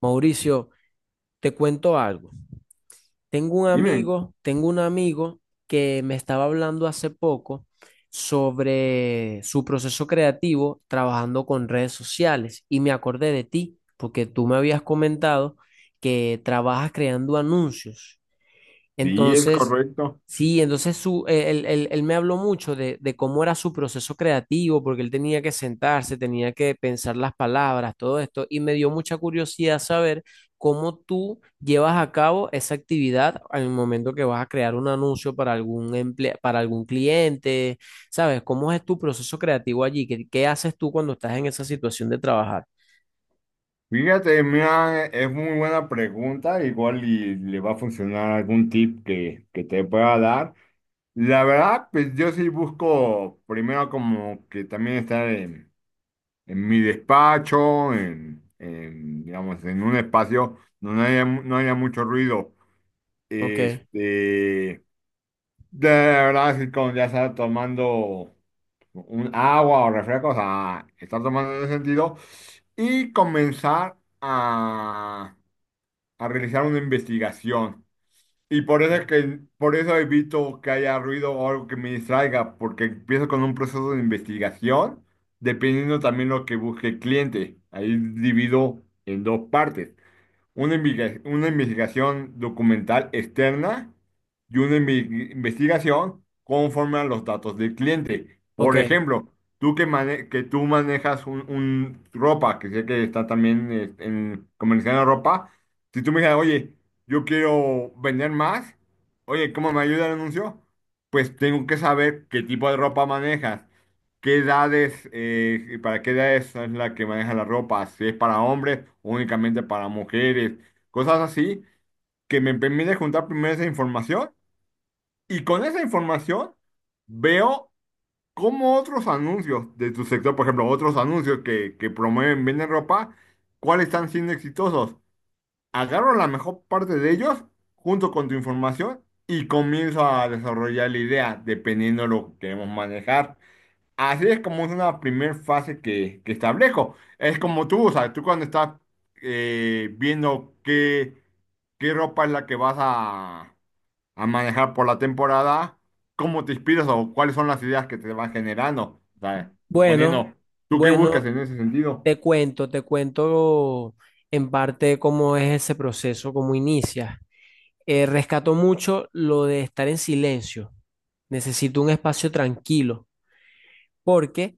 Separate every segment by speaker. Speaker 1: Mauricio, te cuento algo. Tengo un
Speaker 2: Dime.
Speaker 1: amigo, que me estaba hablando hace poco sobre su proceso creativo trabajando con redes sociales y me acordé de ti porque tú me habías comentado que trabajas creando anuncios
Speaker 2: Sí, es
Speaker 1: entonces,
Speaker 2: correcto.
Speaker 1: sí, entonces él me habló mucho de cómo era su proceso creativo, porque él tenía que sentarse, tenía que pensar las palabras, todo esto, y me dio mucha curiosidad saber cómo tú llevas a cabo esa actividad al momento que vas a crear un anuncio para algún cliente, ¿sabes? ¿Cómo es tu proceso creativo allí? ¿Qué haces tú cuando estás en esa situación de trabajar?
Speaker 2: Fíjate, mira, es muy buena pregunta, igual y le va a funcionar algún tip que te pueda dar. La verdad, pues yo sí busco primero como que también estar en mi despacho, digamos, en un espacio donde haya no haya mucho ruido.
Speaker 1: Ok,
Speaker 2: Este, de verdad, sí, como ya estar tomando un agua o refrescos, a estar tomando en ese sentido. Y comenzar a realizar una investigación. Y por eso es que por eso evito que haya ruido o algo que me distraiga, porque empiezo con un proceso de investigación, dependiendo también lo que busque el cliente. Ahí divido en dos partes una investigación documental externa y investigación conforme a los datos del cliente. Por
Speaker 1: ok.
Speaker 2: ejemplo, tú que tú manejas un ropa, que sé que está también en comerciando ropa, si tú me dices, oye, yo quiero vender más, oye, ¿cómo me ayuda el anuncio? Pues tengo que saber qué tipo de ropa manejas. ¿Qué edades, para qué edades es la que maneja la ropa? Si es para hombres o únicamente para mujeres, cosas así que me permite juntar primero esa información y con esa información veo cómo otros anuncios de tu sector, por ejemplo, otros anuncios que promueven, venden ropa, cuáles están siendo exitosos. Agarro la mejor parte de ellos junto con tu información y comienzo a desarrollar la idea dependiendo de lo que queremos manejar. Así es como es una primera fase que establezco. Es como tú, o sea, tú cuando estás viendo qué ropa es la que vas a manejar por la temporada, cómo te inspiras o cuáles son las ideas que te van generando. O sea,
Speaker 1: Bueno,
Speaker 2: suponiendo, ¿tú qué buscas
Speaker 1: bueno.
Speaker 2: en ese sentido?
Speaker 1: Te cuento, en parte cómo es ese proceso, cómo inicia. Rescato mucho lo de estar en silencio. Necesito un espacio tranquilo porque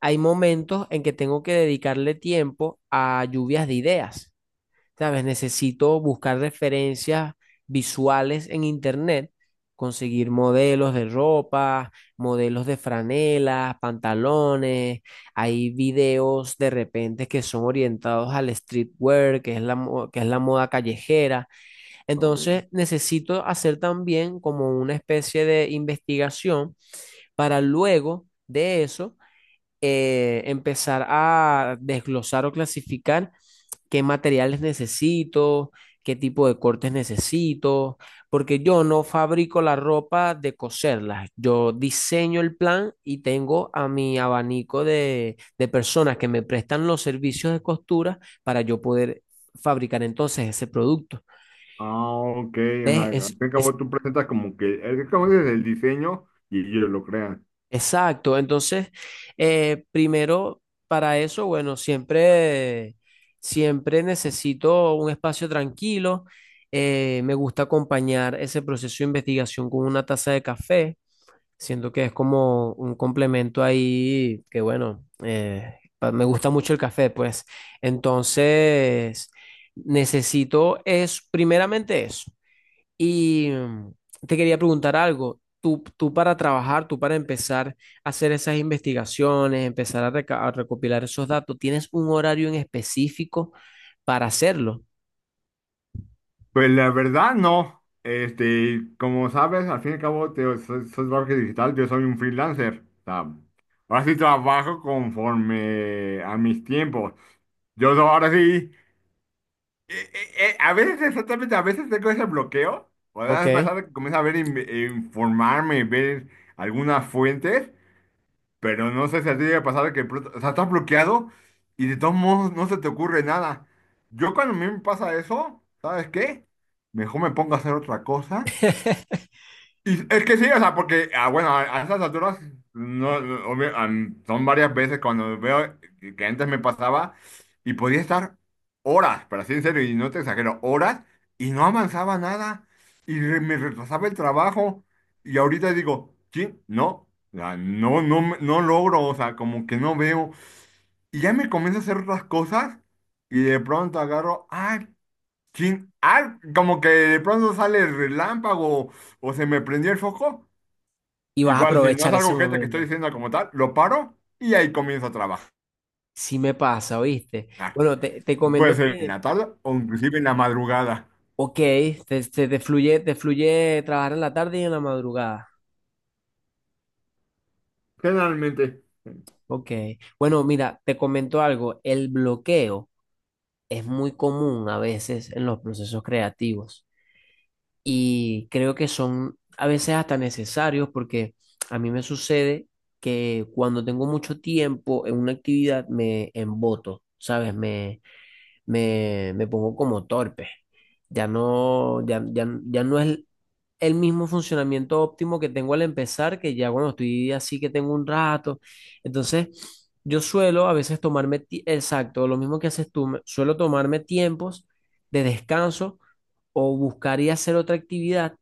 Speaker 1: hay momentos en que tengo que dedicarle tiempo a lluvias de ideas. ¿Sabes? Necesito buscar referencias visuales en internet, conseguir modelos de ropa, modelos de franelas, pantalones. Hay videos de repente que son orientados al streetwear, que es la moda callejera.
Speaker 2: Ok.
Speaker 1: Entonces, necesito hacer también como una especie de investigación para luego de eso empezar a desglosar o clasificar qué materiales necesito, qué tipo de cortes necesito, porque yo no fabrico la ropa de coserla, yo diseño el plan y tengo a mi abanico de personas que me prestan los servicios de costura para yo poder fabricar entonces ese producto.
Speaker 2: Ah, ok, o sea,
Speaker 1: ¿Ves?
Speaker 2: al fin y al cabo tú presentas como que, es como dices, el diseño y ellos lo crean.
Speaker 1: Exacto, entonces, primero, para eso, bueno, siempre necesito un espacio tranquilo. Me gusta acompañar ese proceso de investigación con una taza de café. Siento que es como un complemento ahí, que bueno, me gusta mucho el café, pues. Entonces, necesito es primeramente eso. Y te quería preguntar algo. Tú para trabajar, tú para empezar a hacer esas investigaciones, empezar a, a recopilar esos datos, ¿tienes un horario en específico para hacerlo?
Speaker 2: Pues la verdad no. Como sabes, al fin y al cabo, soy marketing digital, yo soy un freelancer. O sea, ahora sí trabajo conforme a mis tiempos. Ahora sí, a veces exactamente, a veces tengo ese bloqueo. O sea, a
Speaker 1: Ok.
Speaker 2: pesar de que comienzo a ver, informarme, ver algunas fuentes. Pero no sé si a ti te ha pasado que, o sea, estás bloqueado y de todos modos no se te ocurre nada. Yo cuando a mí me pasa eso, ¿sabes qué? Mejor me pongo a hacer otra cosa y es que sí, o sea, porque, ah, bueno, a esas alturas, no, no, obvio, son varias veces cuando veo que antes me pasaba y podía estar horas, pero así en serio, y no te exagero, horas y no avanzaba nada y me retrasaba el trabajo y ahorita digo, sí, no, o sea, no, no, no logro, o sea, como que no veo y ya me comienzo a hacer otras cosas y de pronto agarro, ay, sí, ah, como que de pronto sale el relámpago o se me prendió el foco.
Speaker 1: Y vas a
Speaker 2: Igual, si no
Speaker 1: aprovechar
Speaker 2: es algo
Speaker 1: ese
Speaker 2: urgente que
Speaker 1: momento.
Speaker 2: estoy diciendo como tal, lo paro y ahí comienzo a trabajar.
Speaker 1: Sí me pasa, ¿oíste? Bueno, te
Speaker 2: Puede
Speaker 1: comento
Speaker 2: ser en
Speaker 1: que,
Speaker 2: la tarde o inclusive en la madrugada.
Speaker 1: ok, te fluye trabajar en la tarde y en la madrugada.
Speaker 2: Generalmente.
Speaker 1: Ok. Bueno, mira, te comento algo. El bloqueo es muy común a veces en los procesos creativos. Y creo que son a veces hasta necesarios porque a mí me sucede que cuando tengo mucho tiempo en una actividad me emboto, ¿sabes? Me pongo como torpe. Ya no, ya no es el mismo funcionamiento óptimo que tengo al empezar, que ya cuando estoy así que tengo un rato. Entonces, yo suelo a veces lo mismo que haces tú, suelo tomarme tiempos de descanso o buscar y hacer otra actividad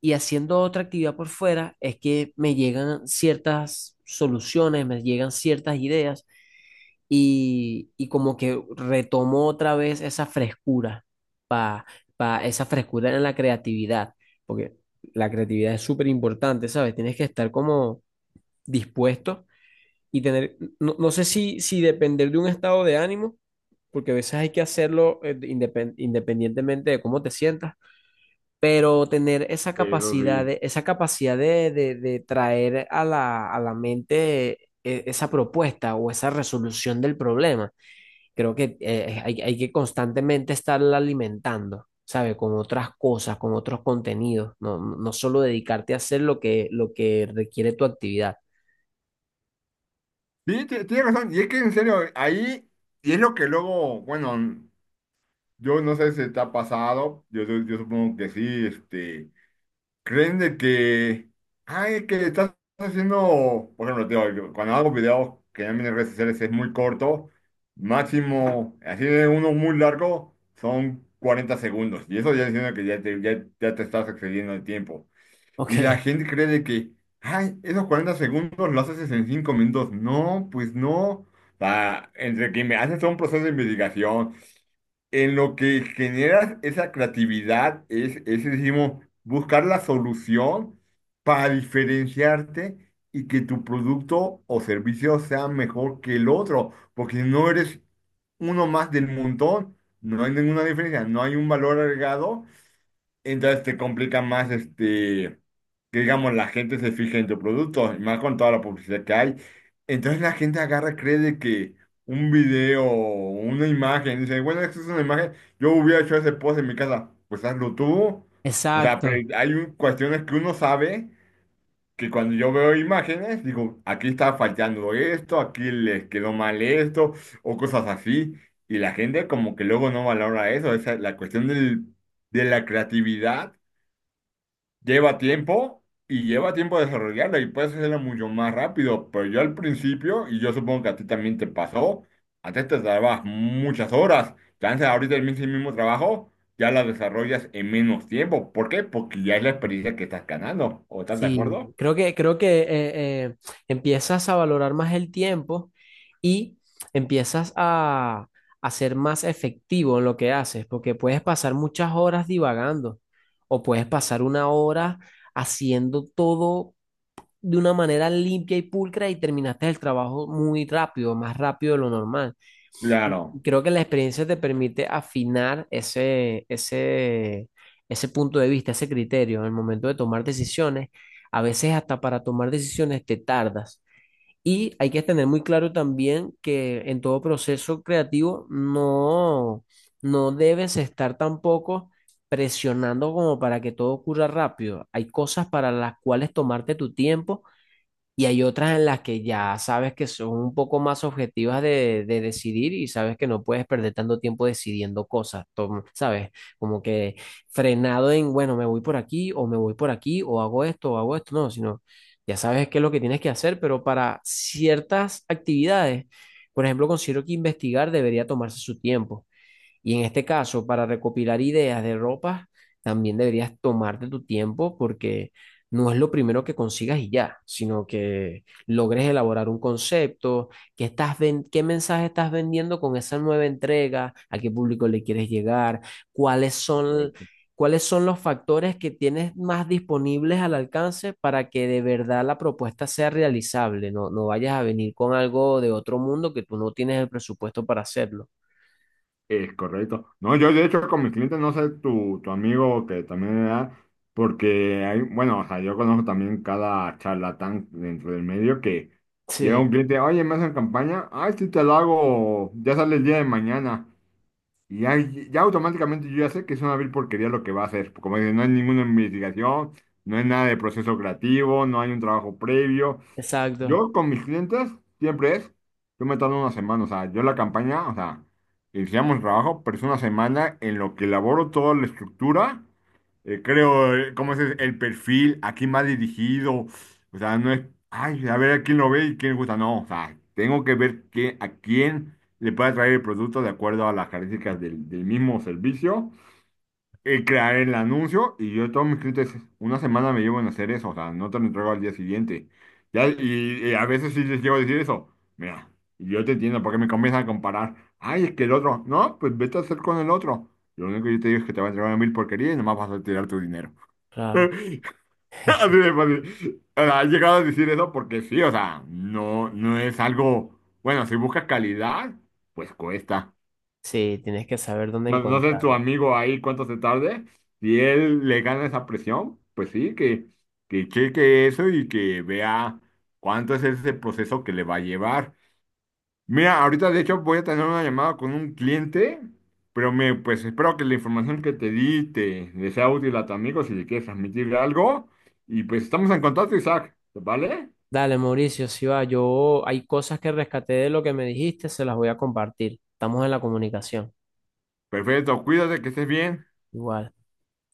Speaker 1: y haciendo otra actividad por fuera es que me llegan ciertas soluciones, me llegan ciertas ideas y como que retomo otra vez esa frescura, pa, esa frescura en la creatividad, porque la creatividad es súper importante, ¿sabes? Tienes que estar como dispuesto y tener, no, no sé si depender de un estado de ánimo, porque a veces hay que hacerlo independientemente de cómo te sientas, pero tener esa
Speaker 2: Eso
Speaker 1: capacidad
Speaker 2: sí.
Speaker 1: de, esa capacidad de traer a la mente esa propuesta o esa resolución del problema, creo que hay, hay que constantemente estarla alimentando, sabe. Con otras cosas, con otros contenidos, no, no solo dedicarte a hacer lo que requiere tu actividad.
Speaker 2: Sí, tienes razón. Y es que en serio, ahí, y es lo que luego, bueno, yo no sé si te ha pasado, yo supongo que sí, creen de que, ay, que estás haciendo, por ejemplo, te digo, yo cuando hago videos que en mis redes sociales es muy corto, máximo, así de uno muy largo, son 40 segundos. Y eso ya diciendo que ya te estás excediendo el tiempo. Y la
Speaker 1: Ok,
Speaker 2: gente cree de que, ay, esos 40 segundos los haces en 5 minutos. No, pues no. O sea, entre que me haces todo un proceso de investigación, en lo que generas esa creatividad es decimos, buscar la solución para diferenciarte y que tu producto o servicio sea mejor que el otro, porque si no eres uno más del montón, no hay ninguna diferencia, no hay un valor agregado, entonces te complica más que digamos, la gente se fija en tu producto, y más con toda la publicidad que hay. Entonces la gente agarra, cree de que un video, una imagen, dice, bueno, esto es una imagen, yo hubiera hecho ese post en mi casa, pues hazlo tú. O sea, pero
Speaker 1: exacto.
Speaker 2: hay cuestiones que uno sabe que cuando yo veo imágenes, digo, aquí está faltando esto, aquí les quedó mal esto, o cosas así. Y la gente como que luego no valora eso, esa es la cuestión del, de la creatividad lleva tiempo y lleva tiempo desarrollarla y puedes hacerla mucho más rápido, pero yo al principio, y yo supongo que a ti también te pasó, antes te tardabas muchas horas, chance ahorita el mismo trabajo, ya la desarrollas en menos tiempo. ¿Por qué? Porque ya es la experiencia que estás ganando, ¿o estás de
Speaker 1: Sí,
Speaker 2: acuerdo?
Speaker 1: creo que eh, empiezas a valorar más el tiempo y empiezas a ser más efectivo en lo que haces, porque puedes pasar muchas horas divagando o puedes pasar una hora haciendo todo de una manera limpia y pulcra y terminaste el trabajo muy rápido, más rápido de lo normal. Y
Speaker 2: Claro.
Speaker 1: creo que la experiencia te permite afinar ese punto de vista, ese criterio en el momento de tomar decisiones. A veces hasta para tomar decisiones te tardas. Y hay que tener muy claro también que en todo proceso creativo no, no debes estar tampoco presionando como para que todo ocurra rápido. Hay cosas para las cuales tomarte tu tiempo y hay otras en las que ya sabes que son un poco más objetivas de decidir y sabes que no puedes perder tanto tiempo decidiendo cosas, tom- ¿sabes? Como que frenado en, bueno, me voy por aquí o me voy por aquí o hago esto, no, sino ya sabes qué es lo que tienes que hacer, pero para ciertas actividades, por ejemplo, considero que investigar debería tomarse su tiempo. Y en este caso, para recopilar ideas de ropa también deberías tomarte tu tiempo porque no es lo primero que consigas y ya, sino que logres elaborar un concepto, qué mensaje estás vendiendo con esa nueva entrega, a qué público le quieres llegar, cuáles son, cuáles son los factores que tienes más disponibles al alcance para que de verdad la propuesta sea realizable, no, no vayas a venir con algo de otro mundo que tú no tienes el presupuesto para hacerlo.
Speaker 2: Es correcto. No, yo de hecho con mis clientes no sé tu amigo que también da, porque hay, bueno, o sea, yo conozco también cada charlatán dentro del medio que llega
Speaker 1: Sí.
Speaker 2: un cliente, oye, me hacen campaña, ay, sí te lo hago, ya sale el día de mañana. Y ya automáticamente yo ya sé que es una vil porquería lo que va a hacer. Como dicen, no hay ninguna investigación, no hay nada de proceso creativo, no hay un trabajo previo.
Speaker 1: Exacto,
Speaker 2: Yo con mis clientes siempre es, yo me tardo una semana, o sea, yo la campaña, o sea, iniciamos el trabajo, pero es una semana en lo que elaboro toda la estructura, creo, cómo es el perfil, a quién va dirigido, o sea, no es, ay, a ver a quién lo ve y quién le gusta, no, o sea, tengo que ver que, a quién le puede traer el producto de acuerdo a las características del mismo servicio crear el anuncio y yo todos mis clientes una semana me llevo en hacer eso, o sea, no te lo entrego al día siguiente. Ya, y, a veces sí les llego a decir eso, mira, yo te entiendo porque me comienzan a comparar, ay, es que el otro, no, pues vete a hacer con el otro. Lo único que yo te digo es que te va a entregar mil porquerías y nomás vas a tirar tu dinero.
Speaker 1: claro.
Speaker 2: Así de fácil. O sea, he llegado a decir eso porque sí, o sea, no, no es algo, bueno, si buscas calidad, pues cuesta.
Speaker 1: Sí, tienes que saber dónde
Speaker 2: No, no sé tu
Speaker 1: encontrarlo.
Speaker 2: amigo ahí cuánto se tarde. Si él le gana esa presión, pues sí, que, cheque eso y que vea cuánto es ese proceso que le va a llevar. Mira, ahorita de hecho voy a tener una llamada con un cliente, pero pues espero que la información que te di te le sea útil a tu amigo si le quieres transmitir algo. Y pues estamos en contacto, Isaac, ¿vale?
Speaker 1: Dale, Mauricio, si va, yo hay cosas que rescaté de lo que me dijiste, se las voy a compartir. Estamos en la comunicación.
Speaker 2: Perfecto, cuídate, que estés bien.
Speaker 1: Igual.